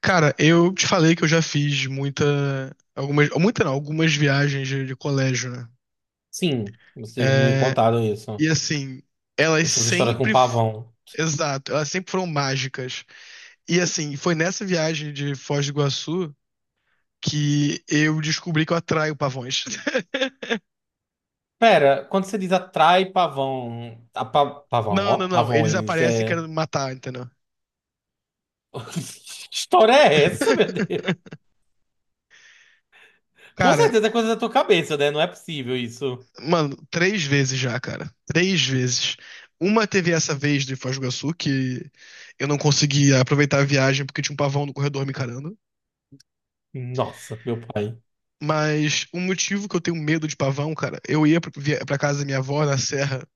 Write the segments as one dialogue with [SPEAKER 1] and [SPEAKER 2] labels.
[SPEAKER 1] Cara, eu te falei que eu já fiz muita, algumas, muita não, algumas viagens de colégio, né?
[SPEAKER 2] Sim, vocês me
[SPEAKER 1] É,
[SPEAKER 2] contaram isso.
[SPEAKER 1] e assim, elas
[SPEAKER 2] Essas histórias com
[SPEAKER 1] sempre,
[SPEAKER 2] pavão.
[SPEAKER 1] exato, elas sempre foram mágicas. E assim, foi nessa viagem de Foz do Iguaçu que eu descobri que eu atraio pavões.
[SPEAKER 2] Pera, quando você diz atrai pavão. A pavão,
[SPEAKER 1] Não,
[SPEAKER 2] ó.
[SPEAKER 1] não, não, eles
[SPEAKER 2] Pavões,
[SPEAKER 1] aparecem
[SPEAKER 2] é.
[SPEAKER 1] querendo me matar, entendeu?
[SPEAKER 2] Que história é essa, meu Deus? Com
[SPEAKER 1] Cara,
[SPEAKER 2] certeza é coisa da tua cabeça, né? Não é possível isso.
[SPEAKER 1] mano, três vezes já, cara. Três vezes. Uma teve essa vez de Foz do Iguaçu, que eu não conseguia aproveitar a viagem porque tinha um pavão no corredor me encarando.
[SPEAKER 2] Nossa, meu pai.
[SPEAKER 1] Mas um motivo que eu tenho medo de pavão, cara, eu ia pra casa da minha avó na serra,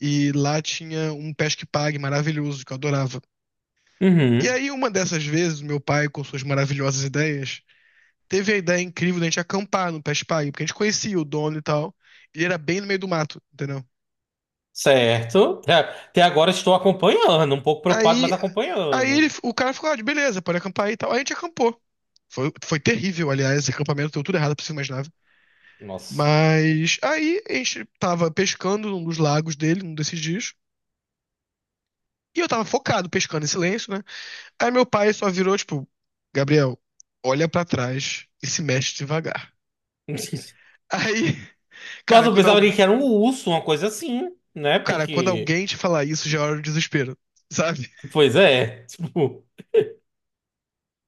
[SPEAKER 1] e lá tinha um pesque-pague maravilhoso que eu adorava. E
[SPEAKER 2] Uhum.
[SPEAKER 1] aí, uma dessas vezes, meu pai, com suas maravilhosas ideias, teve a ideia incrível da gente acampar no pesque-pague, porque a gente conhecia o dono e tal. E ele era bem no meio do mato, entendeu?
[SPEAKER 2] Certo. Até agora estou acompanhando. Um pouco preocupado, mas
[SPEAKER 1] Aí Aí
[SPEAKER 2] acompanhando.
[SPEAKER 1] o cara ficou, ah, beleza, pode acampar aí e tal. Aí a gente acampou. Foi terrível, aliás, esse acampamento deu tudo errado pra você imaginar.
[SPEAKER 2] Nossa.
[SPEAKER 1] Mas aí a gente tava pescando num dos lagos dele, num desses dias. E eu tava focado, pescando em silêncio, né? Aí meu pai só virou, tipo, Gabriel, olha pra trás e se mexe devagar. Aí,
[SPEAKER 2] Nossa,
[SPEAKER 1] cara,
[SPEAKER 2] eu pensava que era um urso, uma coisa assim, né?
[SPEAKER 1] cara, quando
[SPEAKER 2] Porque.
[SPEAKER 1] alguém te falar isso, já é hora do desespero, sabe?
[SPEAKER 2] Pois é. Tipo,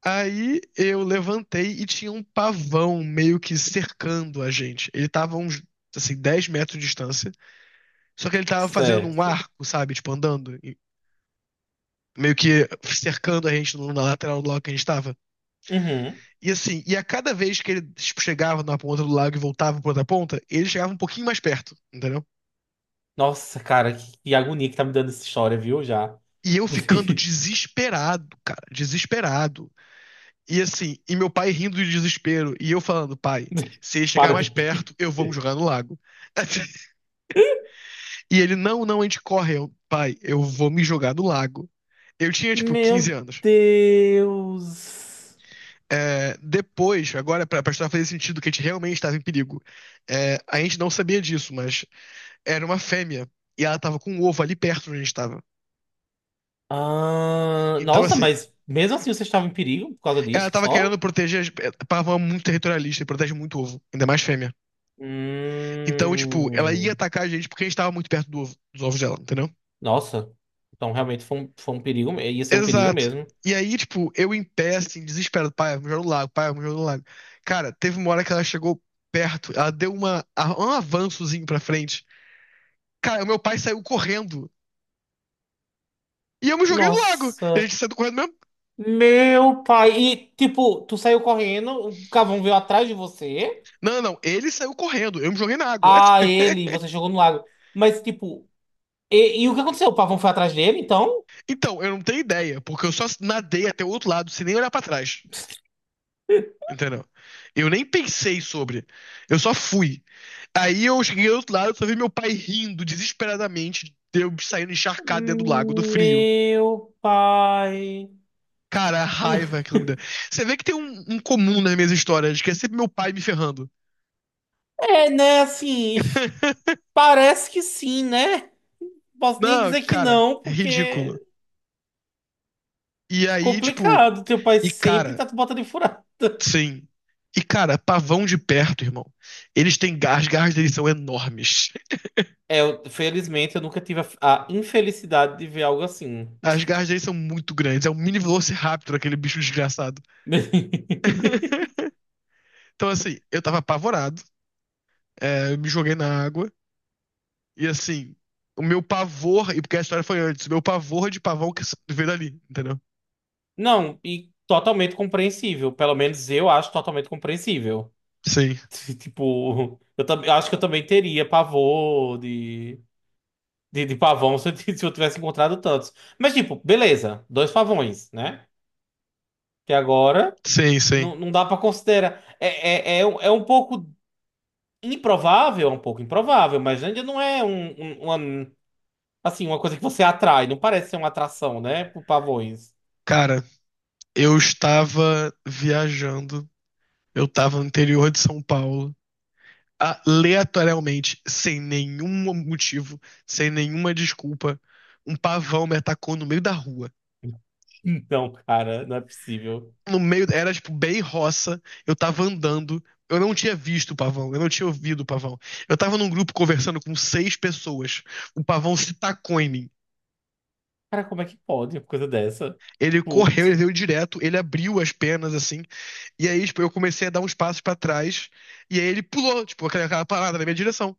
[SPEAKER 1] Aí eu levantei e tinha um pavão meio que cercando a gente. Ele tava a uns, assim, 10 metros de distância. Só que ele tava fazendo um
[SPEAKER 2] certo.
[SPEAKER 1] arco, sabe? Tipo, andando, e meio que cercando a gente na lateral do lago que a gente tava.
[SPEAKER 2] Uhum.
[SPEAKER 1] E assim, e a cada vez que ele, tipo, chegava na ponta do lago e voltava pra outra ponta, ele chegava um pouquinho mais perto, entendeu?
[SPEAKER 2] Nossa, cara, que agonia que tá me dando essa história, viu? Já.
[SPEAKER 1] E eu ficando desesperado, cara, desesperado. E assim, e meu pai rindo de desespero, e eu falando, pai, se ele chegar
[SPEAKER 2] Para de
[SPEAKER 1] mais
[SPEAKER 2] rir.
[SPEAKER 1] perto, eu vou me jogar no lago. E ele, não, não, a gente corre. Eu, pai, eu vou me jogar no lago. Eu tinha, tipo, 15
[SPEAKER 2] Meu
[SPEAKER 1] anos.
[SPEAKER 2] Deus.
[SPEAKER 1] É, depois, agora, pra história fazer sentido que a gente realmente estava em perigo, é, a gente não sabia disso, mas era uma fêmea. E ela tava com um ovo ali perto de onde a gente estava.
[SPEAKER 2] Ah,
[SPEAKER 1] Então,
[SPEAKER 2] nossa,
[SPEAKER 1] assim,
[SPEAKER 2] mas mesmo assim você estava em perigo por causa
[SPEAKER 1] ela
[SPEAKER 2] disso,
[SPEAKER 1] tava
[SPEAKER 2] só?
[SPEAKER 1] querendo proteger. Pavão é muito territorialista e protege muito ovo, ainda mais fêmea. Então, tipo, ela ia
[SPEAKER 2] Hum,
[SPEAKER 1] atacar a gente porque a gente tava muito perto do ovo, dos ovos dela, entendeu?
[SPEAKER 2] nossa, então realmente foi foi um perigo, ia ser um perigo
[SPEAKER 1] Exato.
[SPEAKER 2] mesmo.
[SPEAKER 1] E aí, tipo, eu em pé, assim, desesperado. Pai, vamos jogar no lago, pai, vamos jogar no lago. Cara, teve uma hora que ela chegou perto, ela deu um avançozinho pra frente. Cara, o meu pai saiu correndo. E eu me joguei no lago. A
[SPEAKER 2] Nossa,
[SPEAKER 1] gente saiu correndo mesmo.
[SPEAKER 2] meu pai. E tipo, tu saiu correndo, o cavão veio atrás de você,
[SPEAKER 1] Não, não, não. Ele saiu correndo. Eu me joguei na água.
[SPEAKER 2] a ele, você jogou no lago. Mas tipo, e o que aconteceu? O pavão foi atrás dele, então?
[SPEAKER 1] Então, eu não tenho ideia, porque eu só nadei até o outro lado, sem nem olhar pra trás. Entendeu? Eu nem pensei sobre. Eu só fui. Aí eu cheguei do outro lado, só vi meu pai rindo desesperadamente, de eu saindo encharcado dentro do lago, do frio.
[SPEAKER 2] Meu pai.
[SPEAKER 1] Cara, a raiva que ela me deu. Você vê que tem um comum nas minhas histórias, que é sempre meu pai me ferrando.
[SPEAKER 2] É, né? Assim, parece que sim, né? Posso nem
[SPEAKER 1] Não,
[SPEAKER 2] dizer que
[SPEAKER 1] cara,
[SPEAKER 2] não,
[SPEAKER 1] é
[SPEAKER 2] porque
[SPEAKER 1] ridículo.
[SPEAKER 2] é
[SPEAKER 1] E aí, tipo,
[SPEAKER 2] complicado. Teu pai
[SPEAKER 1] e
[SPEAKER 2] sempre
[SPEAKER 1] cara,
[SPEAKER 2] tá te botando em furado.
[SPEAKER 1] sim. E cara, pavão de perto, irmão. Eles têm garras, as garras deles são enormes.
[SPEAKER 2] É, felizmente eu nunca tive a infelicidade de ver algo assim.
[SPEAKER 1] As garras deles são muito grandes. É um mini Velociraptor, aquele bicho desgraçado. Então, assim, eu tava apavorado. É, eu me joguei na água. E assim, o meu pavor, e porque a história foi antes, o meu pavor de pavão que veio dali, entendeu?
[SPEAKER 2] Não, e totalmente compreensível. Pelo menos eu acho totalmente compreensível.
[SPEAKER 1] Sim.
[SPEAKER 2] Tipo, eu acho que eu também teria pavor de. De pavão, se eu t- se eu tivesse encontrado tantos. Mas, tipo, beleza, dois pavões, né? Que agora
[SPEAKER 1] Sim, sim.
[SPEAKER 2] não dá pra considerar. É, um é um pouco improvável, é um pouco improvável, mas ainda não é uma, assim, uma coisa que você atrai. Não parece ser uma atração, né? Por pavões.
[SPEAKER 1] Cara, eu estava viajando, eu estava no interior de São Paulo, aleatoriamente, sem nenhum motivo, sem nenhuma desculpa, um pavão me atacou no meio da rua.
[SPEAKER 2] Então, cara, não é possível.
[SPEAKER 1] No meio, era tipo bem roça, eu tava andando, eu não tinha visto o pavão, eu não tinha ouvido o pavão. Eu tava num grupo conversando com seis pessoas, o pavão se tacou em mim.
[SPEAKER 2] Cara, como é que pode uma coisa dessa?
[SPEAKER 1] Ele
[SPEAKER 2] Pô,
[SPEAKER 1] correu, ele veio direto, ele abriu as penas assim. E aí, tipo, eu comecei a dar uns passos pra trás. E aí ele pulou, tipo, aquela parada na minha direção.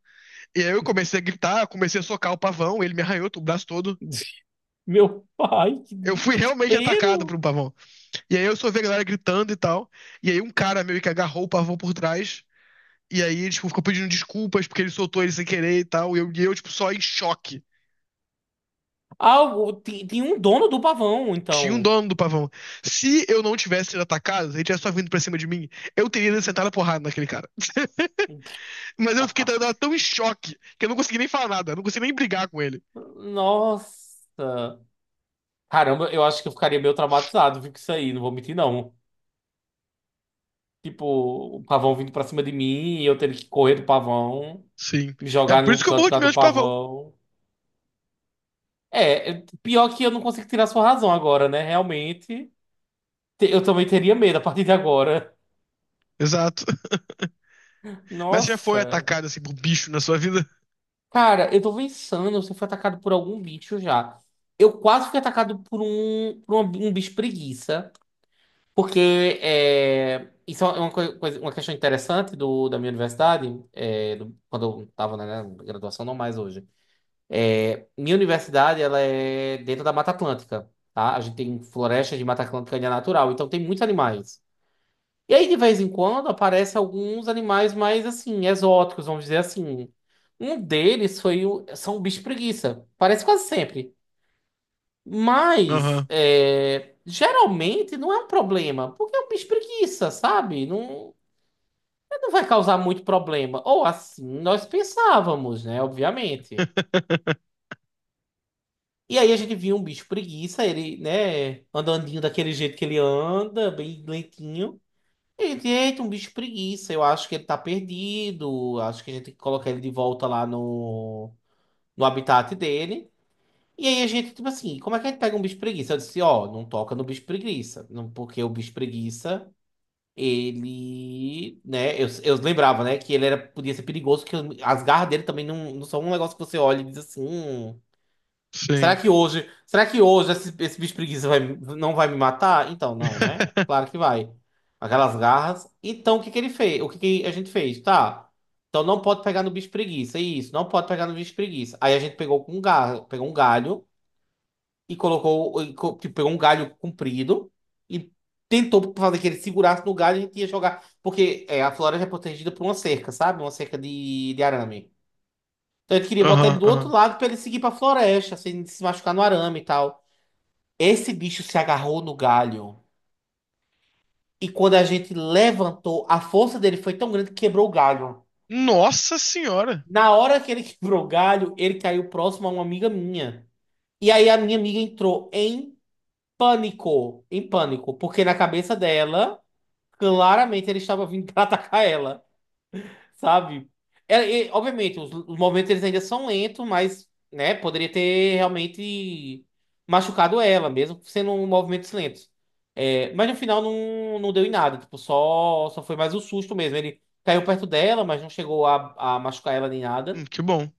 [SPEAKER 1] E aí eu comecei a gritar, comecei a socar o pavão, ele me arranhou o braço todo.
[SPEAKER 2] meu pai, que
[SPEAKER 1] Eu fui realmente atacado por
[SPEAKER 2] desespero!
[SPEAKER 1] um pavão. E aí eu só vi a galera gritando e tal. E aí um cara meio que agarrou o pavão por trás. E aí, tipo, ficou pedindo desculpas porque ele soltou ele sem querer e tal. E eu tipo, só em choque.
[SPEAKER 2] Ah, tem, tem um dono do pavão,
[SPEAKER 1] Tinha um
[SPEAKER 2] então.
[SPEAKER 1] dono do pavão. Se eu não tivesse sido atacado, se ele tivesse só vindo pra cima de mim, eu teria sentado a porrada naquele cara. Mas eu tava tão em choque que eu não consegui nem falar nada, eu não consegui nem brigar com ele.
[SPEAKER 2] Nossa! Caramba, eu acho que eu ficaria meio traumatizado, viu, com isso aí, não vou mentir, não. Tipo, o pavão vindo pra cima de mim e eu ter que correr do pavão,
[SPEAKER 1] Sim.
[SPEAKER 2] me
[SPEAKER 1] É
[SPEAKER 2] jogar em
[SPEAKER 1] por
[SPEAKER 2] um
[SPEAKER 1] isso que eu
[SPEAKER 2] canto por
[SPEAKER 1] morro de
[SPEAKER 2] causa
[SPEAKER 1] medo
[SPEAKER 2] do
[SPEAKER 1] de pavão.
[SPEAKER 2] pavão. É, pior que eu não consigo tirar sua razão agora, né? Realmente, eu também teria medo a partir de agora.
[SPEAKER 1] Exato. Mas você já foi
[SPEAKER 2] Nossa!
[SPEAKER 1] atacado assim por bicho na sua vida?
[SPEAKER 2] Cara, eu tô pensando se eu fui atacado por algum bicho já. Eu quase fui atacado por um, um bicho preguiça. Porque é, isso é uma, coisa, uma questão interessante do, da minha universidade, é, quando eu estava na graduação, não mais hoje. Minha universidade, ela é dentro da Mata Atlântica, tá? A gente tem florestas de Mata Atlântica e é natural, então tem muitos animais. E aí, de vez em quando, aparecem alguns animais mais, assim, exóticos, vamos dizer assim. Um deles foi o, são o bicho preguiça. Parece quase sempre. Mas
[SPEAKER 1] Aham.
[SPEAKER 2] é, geralmente não é um problema, porque é um bicho preguiça, sabe? Não, não vai causar muito problema. Ou assim nós pensávamos, né? Obviamente. E aí a gente viu um bicho preguiça, ele, né, andandinho daquele jeito que ele anda, bem lentinho. E a gente, eita, um bicho preguiça, eu acho que ele tá perdido, acho que a gente tem que colocar ele de volta lá no, no habitat dele. E aí a gente, tipo assim, como é que a gente pega um bicho preguiça? Eu disse, ó, não toca no bicho preguiça, não, porque o bicho preguiça ele, né, eu lembrava, né, que ele era, podia ser perigoso, que as garras dele também não são um negócio que você olha e diz assim,
[SPEAKER 1] Sim.
[SPEAKER 2] será que hoje esse, esse bicho preguiça vai, não vai me matar? Então, não, né? Claro que vai. Aquelas garras. Então, o que que ele fez? O que que a gente fez? Tá. Então, não pode pegar no bicho preguiça, isso, não pode pegar no bicho preguiça. Aí a gente pegou com um garra, pegou um galho e colocou, tipo, pegou um galho comprido e tentou fazer que ele segurasse no galho e a gente ia jogar. Porque é, a floresta é protegida por uma cerca, sabe? Uma cerca de arame. Então a gente queria botar ele
[SPEAKER 1] Aham,
[SPEAKER 2] do outro
[SPEAKER 1] aham.
[SPEAKER 2] lado pra ele seguir pra floresta, sem se machucar no arame e tal. Esse bicho se agarrou no galho. E quando a gente levantou, a força dele foi tão grande que quebrou o galho.
[SPEAKER 1] Nossa senhora.
[SPEAKER 2] Na hora que ele quebrou o galho, ele caiu próximo a uma amiga minha. E aí a minha amiga entrou em pânico, porque na cabeça dela claramente ele estava vindo para atacar ela, sabe? Obviamente, os movimentos eles ainda são lentos, mas, né, poderia ter realmente machucado ela, mesmo sendo um movimentos lentos. É, mas no final não, não deu em nada, tipo, só, só foi mais um susto mesmo. Ele caiu perto dela, mas não chegou a machucar ela nem nada.
[SPEAKER 1] Que bom.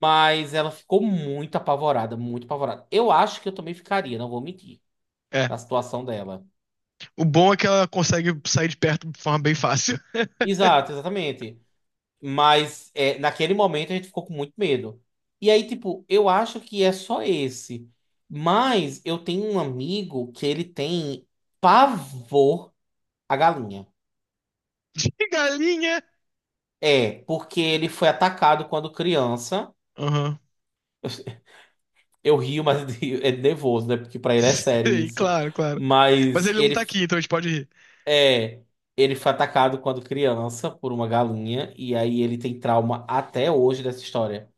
[SPEAKER 2] Mas ela ficou muito apavorada, muito apavorada. Eu acho que eu também ficaria, não vou mentir,
[SPEAKER 1] É.
[SPEAKER 2] na situação dela.
[SPEAKER 1] O bom é que ela consegue sair de perto de forma bem fácil.
[SPEAKER 2] Exato, exatamente. Mas é, naquele momento a gente ficou com muito medo. E aí, tipo, eu acho que é só esse. Mas eu tenho um amigo que ele tem pavor à galinha.
[SPEAKER 1] De galinha.
[SPEAKER 2] É, porque ele foi atacado quando criança.
[SPEAKER 1] Aham.
[SPEAKER 2] Eu rio, mas é de nervoso, né? Porque pra ele é sério
[SPEAKER 1] Sim,
[SPEAKER 2] isso.
[SPEAKER 1] claro, claro. Mas
[SPEAKER 2] Mas
[SPEAKER 1] ele não
[SPEAKER 2] ele
[SPEAKER 1] tá aqui, então a gente pode rir.
[SPEAKER 2] é, ele foi atacado quando criança por uma galinha e aí ele tem trauma até hoje dessa história.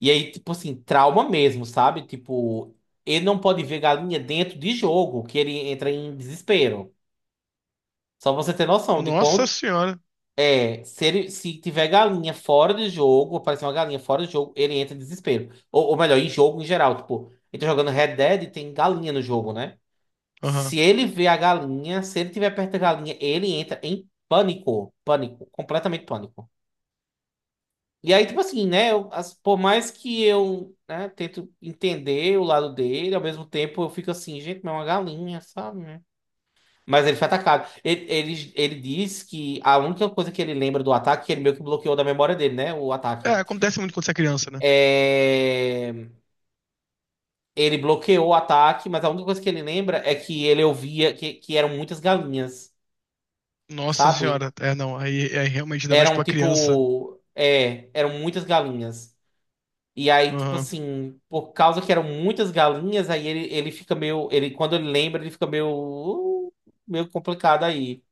[SPEAKER 2] E aí, tipo assim, trauma mesmo, sabe? Tipo, ele não pode ver galinha dentro de jogo, que ele entra em desespero. Só pra você ter noção de
[SPEAKER 1] Nossa
[SPEAKER 2] quão
[SPEAKER 1] senhora.
[SPEAKER 2] é, se ele, se tiver galinha fora de jogo, aparecer uma galinha fora de jogo, ele entra em desespero. Ou melhor, em jogo em geral, tipo, ele tá jogando Red Dead e tem galinha no jogo, né?
[SPEAKER 1] Aham.
[SPEAKER 2] Se ele vê a galinha, se ele tiver perto da galinha, ele entra em pânico, pânico, completamente pânico. E aí, tipo assim, né? Por mais que eu, né, tento entender o lado dele, ao mesmo tempo eu fico assim, gente, mas é uma galinha, sabe? Né? Mas ele foi atacado. Ele diz que a única coisa que ele lembra do ataque, que ele meio que bloqueou da memória dele, né? O
[SPEAKER 1] É,
[SPEAKER 2] ataque.
[SPEAKER 1] acontece muito quando você é criança, né?
[SPEAKER 2] É... Ele bloqueou o ataque, mas a única coisa que ele lembra é que ele ouvia que eram muitas galinhas,
[SPEAKER 1] Nossa
[SPEAKER 2] sabe?
[SPEAKER 1] senhora, é não, aí é realmente ainda mais
[SPEAKER 2] Eram
[SPEAKER 1] pra criança.
[SPEAKER 2] tipo. É, eram muitas galinhas. E aí, tipo
[SPEAKER 1] Aham,
[SPEAKER 2] assim, por causa que eram muitas galinhas, aí ele fica meio. Ele, quando ele lembra, ele fica meio. Meio complicado aí.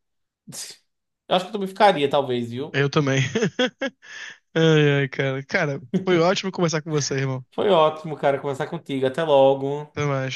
[SPEAKER 2] Eu acho que eu também ficaria, talvez, viu?
[SPEAKER 1] eu também. Ai, ai, cara. Cara, foi ótimo conversar com você, irmão.
[SPEAKER 2] Foi ótimo, cara, conversar contigo. Até logo.
[SPEAKER 1] Até mais.